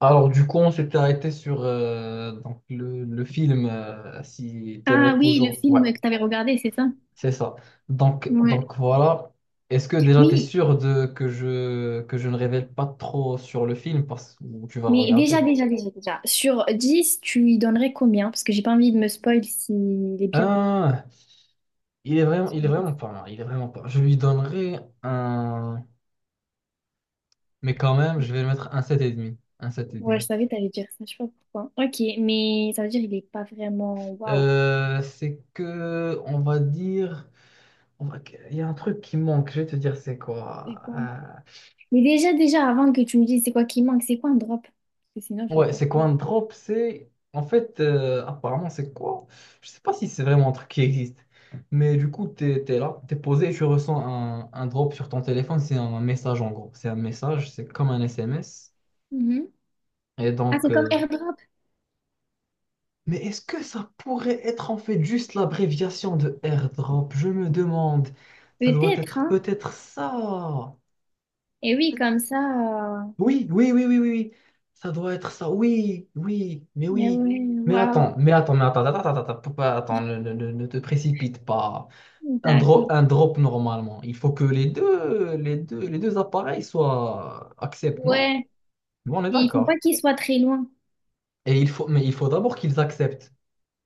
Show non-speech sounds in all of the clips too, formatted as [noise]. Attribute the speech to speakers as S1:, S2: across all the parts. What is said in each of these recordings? S1: Alors du coup, on s'était arrêté sur donc le film, si
S2: Ah
S1: t'aimerais
S2: oui, le
S1: toujours. Ouais,
S2: film que tu avais regardé, c'est ça?
S1: c'est ça. Donc,
S2: Ouais.
S1: donc voilà. Est-ce que déjà t'es
S2: Oui,
S1: sûr de que je ne révèle pas trop sur le film parce que tu vas le
S2: mais
S1: regarder?
S2: déjà. Sur 10, tu lui donnerais combien? Parce que j'ai pas envie de me spoil s'il est bien.
S1: Ah, il est vraiment,
S2: Sur
S1: il est
S2: 10.
S1: vraiment pas mal. Il est vraiment pas mal. Je lui donnerai un, mais quand même, je vais le mettre un sept et demi. Un
S2: Ouais, je
S1: 7,5.
S2: savais que t'allais dire ça, je sais pas pourquoi. Ok, mais ça veut dire qu'il est pas vraiment waouh.
S1: C'est que, on va dire, on va- il y a un truc qui manque. Je vais te dire, c'est
S2: C'est
S1: quoi?
S2: quoi?
S1: Euh,
S2: Mais déjà, avant que tu me dises c'est quoi qui manque, c'est quoi un drop? Parce que sinon, je vais
S1: Ouais,
S2: pas
S1: c'est quoi
S2: trop.
S1: un drop? C'est en fait, apparemment, c'est quoi? Je sais pas si c'est vraiment un truc qui existe, mais du coup, t'es là, t'es posé et tu ressens un drop sur ton téléphone. C'est un message en gros, c'est un message, c'est comme un SMS.
S2: Mhm.
S1: Et
S2: Ah,
S1: donc,
S2: c'est comme airdrop?
S1: mais est-ce que ça pourrait être en fait juste l'abréviation de airdrop? Je me demande, ça doit
S2: Peut-être,
S1: être
S2: hein?
S1: peut-être ça.
S2: Et oui, comme ça.
S1: Oui, oui, oui, oui, oui, oui. Ça doit être ça. Oui,
S2: Mais
S1: oui.
S2: ouais,
S1: Mais
S2: waouh.
S1: attends, mais attends, mais attends, attends, attends, attends, attends, ne te précipite pas. Un drop,
S2: D'accord.
S1: un drop normalement. Il faut que les deux appareils soient acceptent, non?
S2: Ouais,
S1: Bon, on est
S2: il faut pas
S1: d'accord.
S2: qu'il soit très loin.
S1: Mais il faut d'abord qu'ils acceptent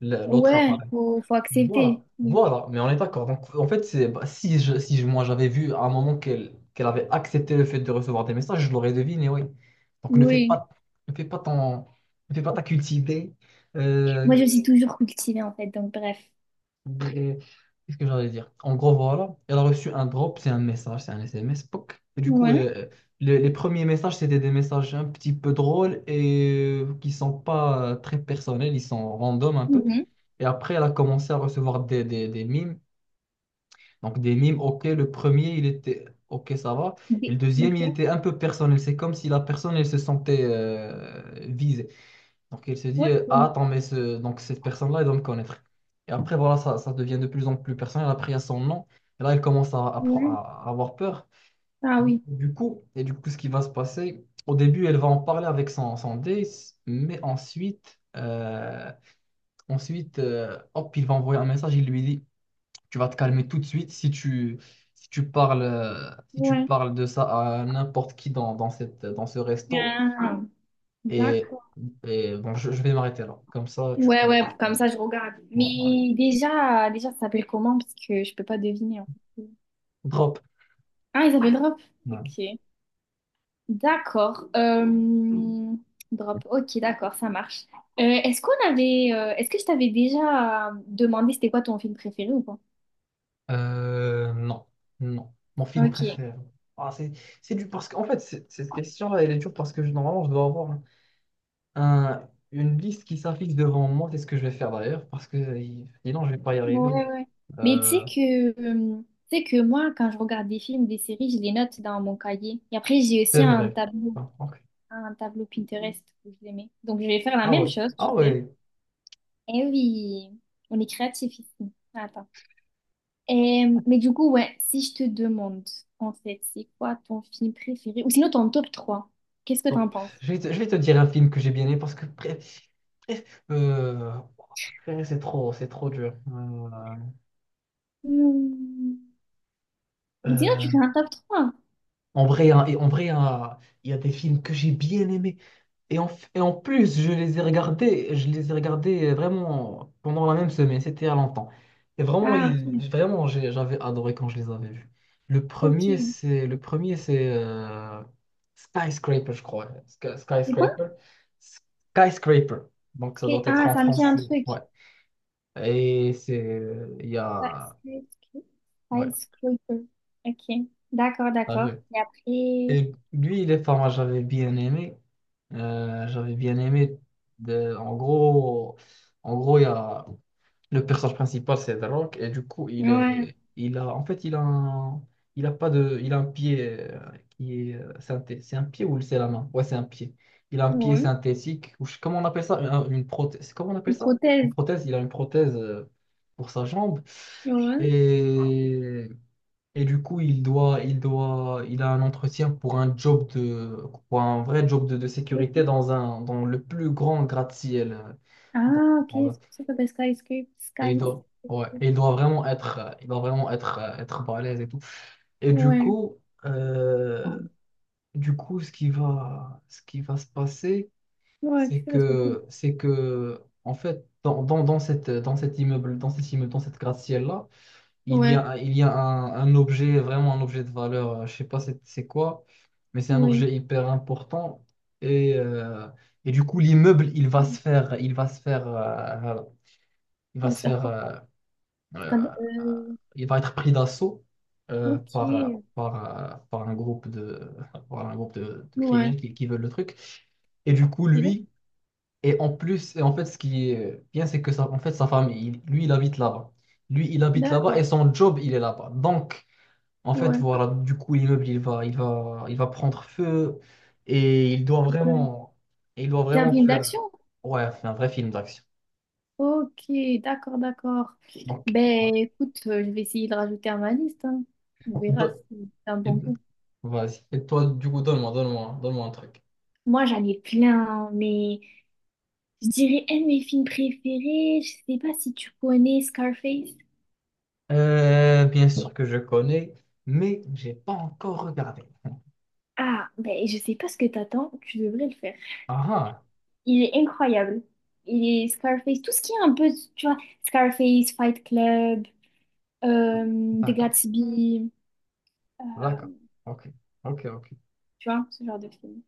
S1: l'autre
S2: Ouais,
S1: appareil.
S2: faut accepter.
S1: Voilà,
S2: Oui.
S1: voilà, mais on est d'accord. Donc, en fait, c'est, bah, si je, si je- moi j'avais vu à un moment qu'elle avait accepté le fait de recevoir des messages, je l'aurais deviné, oui. Donc,
S2: Oui.
S1: ne fais pas ton, ne fais pas ta cultivée. Euh,
S2: Moi, je me suis toujours cultivée, en fait, donc bref.
S1: et- qu'est-ce que j'allais dire? En gros, voilà, elle a reçu un drop, c'est un message, c'est un SMS, poc. Et du coup,
S2: Ouais.
S1: les premiers messages, c'était des messages un petit peu drôles et qui sont pas très personnels, ils sont random un peu.
S2: Mhm.
S1: Et après, elle a commencé à recevoir des mimes. Donc des mimes, ok, le premier, il était, ok, ça va. Et le
S2: Des-
S1: deuxième,
S2: Ok.
S1: il était un peu personnel. C'est comme si la personne, elle se sentait visée. Donc elle se dit, ah,
S2: Ok.
S1: attends, donc cette personne-là, elle doit me connaître. Et après, voilà, ça devient de plus en plus personnel. Après, il y a son nom. Et là, elle commence
S2: Ouais.
S1: à avoir peur.
S2: Ah oui.
S1: Et du coup, ce qui va se passer, au début, elle va en parler avec son date, mais ensuite, hop, il va envoyer un message, il lui dit tu vas te calmer tout de suite si tu, si tu
S2: Ouais.
S1: parles de ça à n'importe qui dans ce resto.
S2: Ah,
S1: Et,
S2: d'accord.
S1: et bon, je vais m'arrêter là. Comme ça, tu
S2: Ouais,
S1: peux.
S2: ouais,
S1: Ouais,
S2: comme ça, je regarde.
S1: ouais.
S2: Mais déjà, ça s'appelle comment? Parce que je peux pas deviner, en fait.
S1: Drop.
S2: Ah, ils s'appelle Drop.
S1: Ouais.
S2: Ok. D'accord. Drop. Ok, d'accord, ça marche. Est-ce qu'on avait, est-ce que je t'avais déjà demandé c'était quoi ton film préféré ou pas?
S1: Non, non. Mon film
S2: Ok.
S1: préféré. Ah, c'est dur parce qu'en fait, cette question-là, elle est dure parce que normalement, je dois avoir une liste qui s'affiche devant moi. C'est ce que je vais faire d'ailleurs parce que sinon, je vais pas y arriver.
S2: Ouais, ouais. Mais
S1: Euh,
S2: tu sais que moi, quand je regarde des films, des séries, je les note dans mon cahier. Et après, j'ai aussi
S1: c'est vrai. Ah, ok.
S2: un tableau Pinterest que je les mets. Donc, je vais faire la
S1: Ah
S2: même
S1: ouais.
S2: chose, tu
S1: Ah
S2: sais.
S1: ouais.
S2: Eh oui, on est créatif ici. Attends. Et, mais du coup, ouais, si je te demande, en fait, c'est quoi ton film préféré? Ou sinon, ton top trois, qu'est-ce que
S1: Bon,
S2: t'en penses?
S1: je vais te dire un film que j'ai bien aimé parce que bref, c'est trop dur.
S2: Hmm. Ou sinon, tu
S1: Euh,
S2: fais un top trois?
S1: En vrai, hein, il y a des films que j'ai bien aimés. Et en plus, je les ai regardés, je les ai regardés vraiment pendant la même semaine, c'était il y a longtemps. Et vraiment,
S2: Ah, ok.
S1: vraiment, j'avais adoré quand je les avais vus. Le
S2: Ok.
S1: premier, c'est Skyscraper, je crois.
S2: C'est quoi?
S1: Skyscraper. Skyscraper. Donc ça doit
S2: Ok.
S1: être
S2: Ah,
S1: en
S2: ça me dit un
S1: français.
S2: truc.
S1: Ouais. Et c'est. Il y
S2: Ouais,
S1: a. Ouais,
S2: skyscraper. OK. D'accord,
S1: t'as
S2: d'accord.
S1: vu.
S2: Et après,
S1: Et lui, il est pas mal, j'avais bien aimé. J'avais bien aimé. de- en gros, en gros, il y a le personnage principal, c'est The Rock, et du coup, il
S2: ouais,
S1: est, il a, en fait, il a, un- il a pas de, il a un pied c'est un pied ou c'est la main? Ouais, c'est un pied. Il a un pied
S2: ouais.
S1: synthétique, ou comment on appelle ça? Une prothèse. Comment on appelle
S2: Une
S1: ça? Une
S2: prothèse.
S1: prothèse. Il a une prothèse pour sa jambe.
S2: Ouais.
S1: Et et du coup, il a un entretien pour pour un vrai job de sécurité
S2: D'accord.
S1: dans le plus grand gratte-ciel. Dans-
S2: Ah, OK,
S1: dans un-
S2: c'est pour ça que ça s'appelle skyscraper.
S1: Et il
S2: Sky.
S1: doit, ouais, il doit vraiment être, être balèze et tout. Et du
S2: Ouais.
S1: coup, euh, ce qui va se passer,
S2: Ouais, qu'est-ce que ça s'appelle?
S1: en fait, dans cet immeuble, dans cette gratte-ciel-là,
S2: Ouais,
S1: il y a un objet, vraiment un objet de valeur, je sais pas c'est quoi, mais c'est un
S2: oui.
S1: objet hyper important. Et, euh, et du coup, l'immeuble, il va
S2: Ouais.
S1: se faire, il va se faire, voilà, il
S2: On
S1: va
S2: va se
S1: se
S2: faire
S1: faire,
S2: quoi?
S1: euh, euh,
S2: Scand- euh,
S1: il va être pris d'assaut euh, par, euh,
S2: ok.
S1: par un groupe de, [laughs] par un groupe de
S2: Ouais.
S1: criminels qui veulent le truc. Et du coup,
S2: Ok.
S1: lui, et en plus, et en fait, ce qui est bien, c'est que ça, en fait, sa famille, lui, il habite là-bas. Lui, il habite là-bas
S2: D'accord.
S1: et son job, il est là-bas. Donc, en fait,
S2: Ouais.
S1: voilà, du coup, l'immeuble, il va prendre feu et
S2: Ouais.
S1: il doit
S2: C'est un
S1: vraiment
S2: film
S1: faire,
S2: d'action?
S1: ouais, un vrai film d'action.
S2: Ok, d'accord, d'accord.
S1: Donc,
S2: Ben
S1: voilà.
S2: écoute, je vais essayer de rajouter à ma liste, hein. On verra
S1: Do-
S2: si c'est un
S1: et-
S2: bon goût.
S1: Vas-y. Et toi, du coup, donne-moi un truc.
S2: Moi, j'en ai plein, hein, mais je dirais un de mes films préférés. Je sais pas si tu connais Scarface.
S1: Bien sûr que je connais, mais j'ai pas encore regardé.
S2: Ah, ben je sais pas ce que t'attends, tu devrais le faire.
S1: Ah, ah,
S2: Il est incroyable. Il est Scarface, tout ce qui est un peu, tu vois, Scarface, Fight Club, The
S1: d'accord,
S2: Gatsby, euh,
S1: d'accord. Ok, ok, ok.
S2: tu vois, ce genre de film.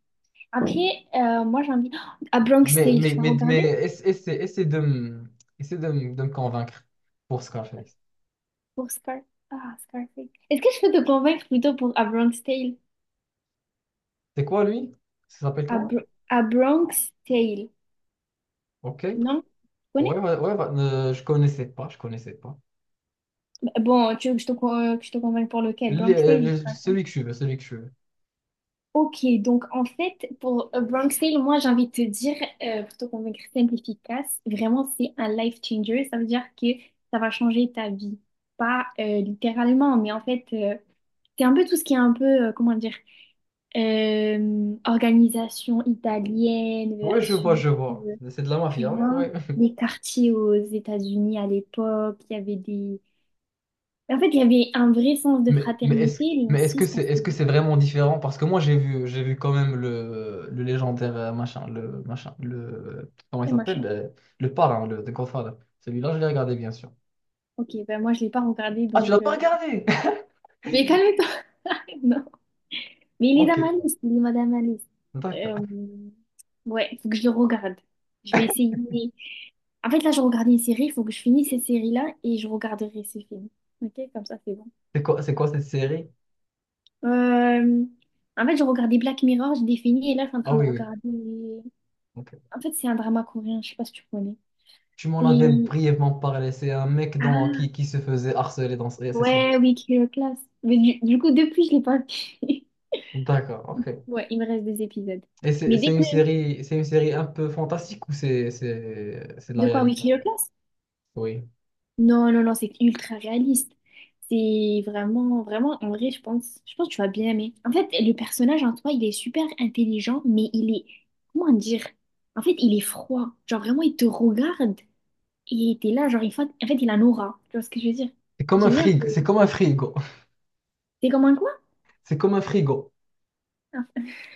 S2: Après, moi j'ai envie... Ah, Bronx Tale, tu vas
S1: Mais
S2: regarder?
S1: essaie de me convaincre pour Scarface.
S2: Pour Scar... Ah, Scarface. Est-ce que je peux te convaincre plutôt pour A Bronx Tale?
S1: C'est quoi, lui? Ça s'appelle
S2: A,
S1: comment?
S2: Bro- A Bronx Tale.
S1: Ok.
S2: Non? Tu
S1: Ouais,
S2: connais?
S1: ouais, ouais, bah, je connaissais pas.
S2: Bah, bon, tu veux que je te, que je te convainque pour lequel?
S1: Les-
S2: Bronx Tale ou
S1: euh, je-
S2: Scarface?
S1: celui que je veux, celui que je veux.
S2: Ok, donc en fait, pour A Bronx Tale, moi j'ai envie de te dire, pour te convaincre simple, efficace, vraiment c'est un life changer. Ça veut dire que ça va changer ta vie. Pas littéralement, mais en fait, c'est un peu tout ce qui est un peu, comment dire, organisation italienne
S1: Ouais, je
S2: versus,
S1: vois, je vois.
S2: euh,
S1: C'est de la
S2: tu
S1: mafia, ouais,
S2: vois,
S1: ouais. [laughs]
S2: les quartiers aux États-Unis à l'époque. Il y avait des... En fait, il y avait un vrai sens de
S1: Mais, mais est-ce,
S2: fraternité, mais
S1: mais est-ce
S2: aussi,
S1: que
S2: se
S1: c'est, est-ce
S2: passait
S1: que c'est vraiment différent? Parce que moi, j'ai vu quand même le légendaire comment il
S2: des
S1: s'appelle?
S2: machin.
S1: Le parrain, The Godfather. Celui-là, je l'ai regardé, bien sûr.
S2: Ok, ben moi, je l'ai pas regardé,
S1: Ah, tu
S2: donc...
S1: l'as pas regardé?
S2: mais
S1: [laughs]
S2: calme-toi! [laughs] Non. Mais il est
S1: Ok,
S2: dans ma liste, il est dans ma liste.
S1: d'accord.
S2: Euh, ouais, faut que je le regarde. Je vais essayer. En fait, là, je regarde une série, il faut que je finisse cette série-là et je regarderai ces films. Ok, comme ça, c'est bon.
S1: C'est quoi cette série?
S2: Euh, en fait, je regardais Black Mirror, j'ai défini et là, je suis en
S1: Ah
S2: train de
S1: oui, oui.
S2: regarder.
S1: Ok.
S2: En fait, c'est un drama coréen, je sais pas si tu connais.
S1: Tu m'en avais
S2: C'est.
S1: brièvement parlé. C'est un mec
S2: Ah,
S1: qui se faisait harceler dans... C'est ça.
S2: ouais, oui, Kill Class. Mais du coup, depuis, je l'ai pas vu. [laughs]
S1: D'accord, ok.
S2: Ouais, il me reste des épisodes.
S1: Et
S2: Mais dès que.
S1: c'est une série un peu fantastique ou c'est de la
S2: De quoi, oui,
S1: réalité?
S2: Kill Class?
S1: Oui.
S2: Non, non, non, c'est ultra réaliste. C'est vraiment, vraiment, en vrai, je pense que tu vas bien aimer. En fait, le personnage en toi, il est super intelligent, mais il est, comment dire? En fait, il est froid. Genre, vraiment, il te regarde et t'es là, genre, en fait, il a une aura. Tu vois ce que je veux dire?
S1: C'est comme un
S2: J'aime bien
S1: frigo, c'est
S2: ce...
S1: comme un frigo. [laughs]
S2: T'es comme un quoi?
S1: C'est comme un frigo.
S2: [laughs]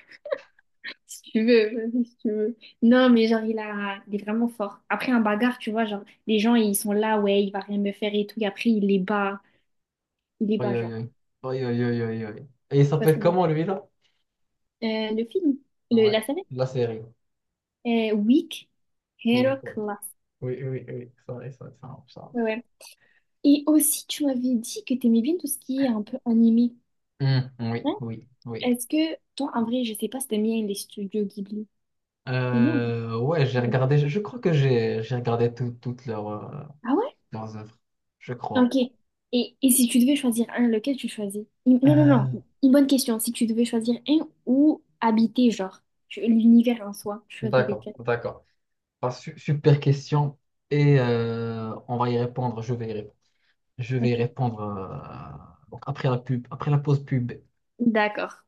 S2: Si tu veux, vas-y, si tu veux. Non, mais genre, il est vraiment fort. Après, un bagarre, tu vois, genre, les gens, ils sont là, ouais, il va rien me faire et tout, et après, il les bat. Il les
S1: Oui,
S2: bat,
S1: oui,
S2: genre.
S1: oui. Oui, oui, oui, oui, oui. Et il
S2: Tu vois ce
S1: s'appelle
S2: que je veux dire?
S1: comment lui là?
S2: Euh, le film, le-
S1: Ouais,
S2: la série,
S1: la série.
S2: Weak
S1: Oui,
S2: Hero
S1: quoi.
S2: Class.
S1: Oui, oui, oui, oui. ça, ça, ça, marche, ça.
S2: Ouais, ouais. Et aussi, tu m'avais dit que t'aimais bien tout ce qui est un peu animé,
S1: marche. Hmm, oui,
S2: hein.
S1: oui, oui.
S2: Est-ce que, toi, en vrai, je sais pas si t'aimes bien les studios Ghibli. T'aimes bien ou pas?
S1: Ouais, j'ai
S2: Ouais.
S1: regardé, je crois que j'ai regardé toutes leurs euh,
S2: Ah ouais?
S1: leurs œuvres, je crois.
S2: Ok. Et si tu devais choisir un, lequel tu choisis? Une- Non, non,
S1: Euh,
S2: non. Une bonne question. Si tu devais choisir un ou habiter, genre, tu- l'univers en soi, tu choisis
S1: d'accord,
S2: lequel?
S1: d'accord. Ah, super question et on va y répondre. Je vais y répondre. Je vais y
S2: Ok.
S1: répondre euh, donc après la pause pub.
S2: D'accord.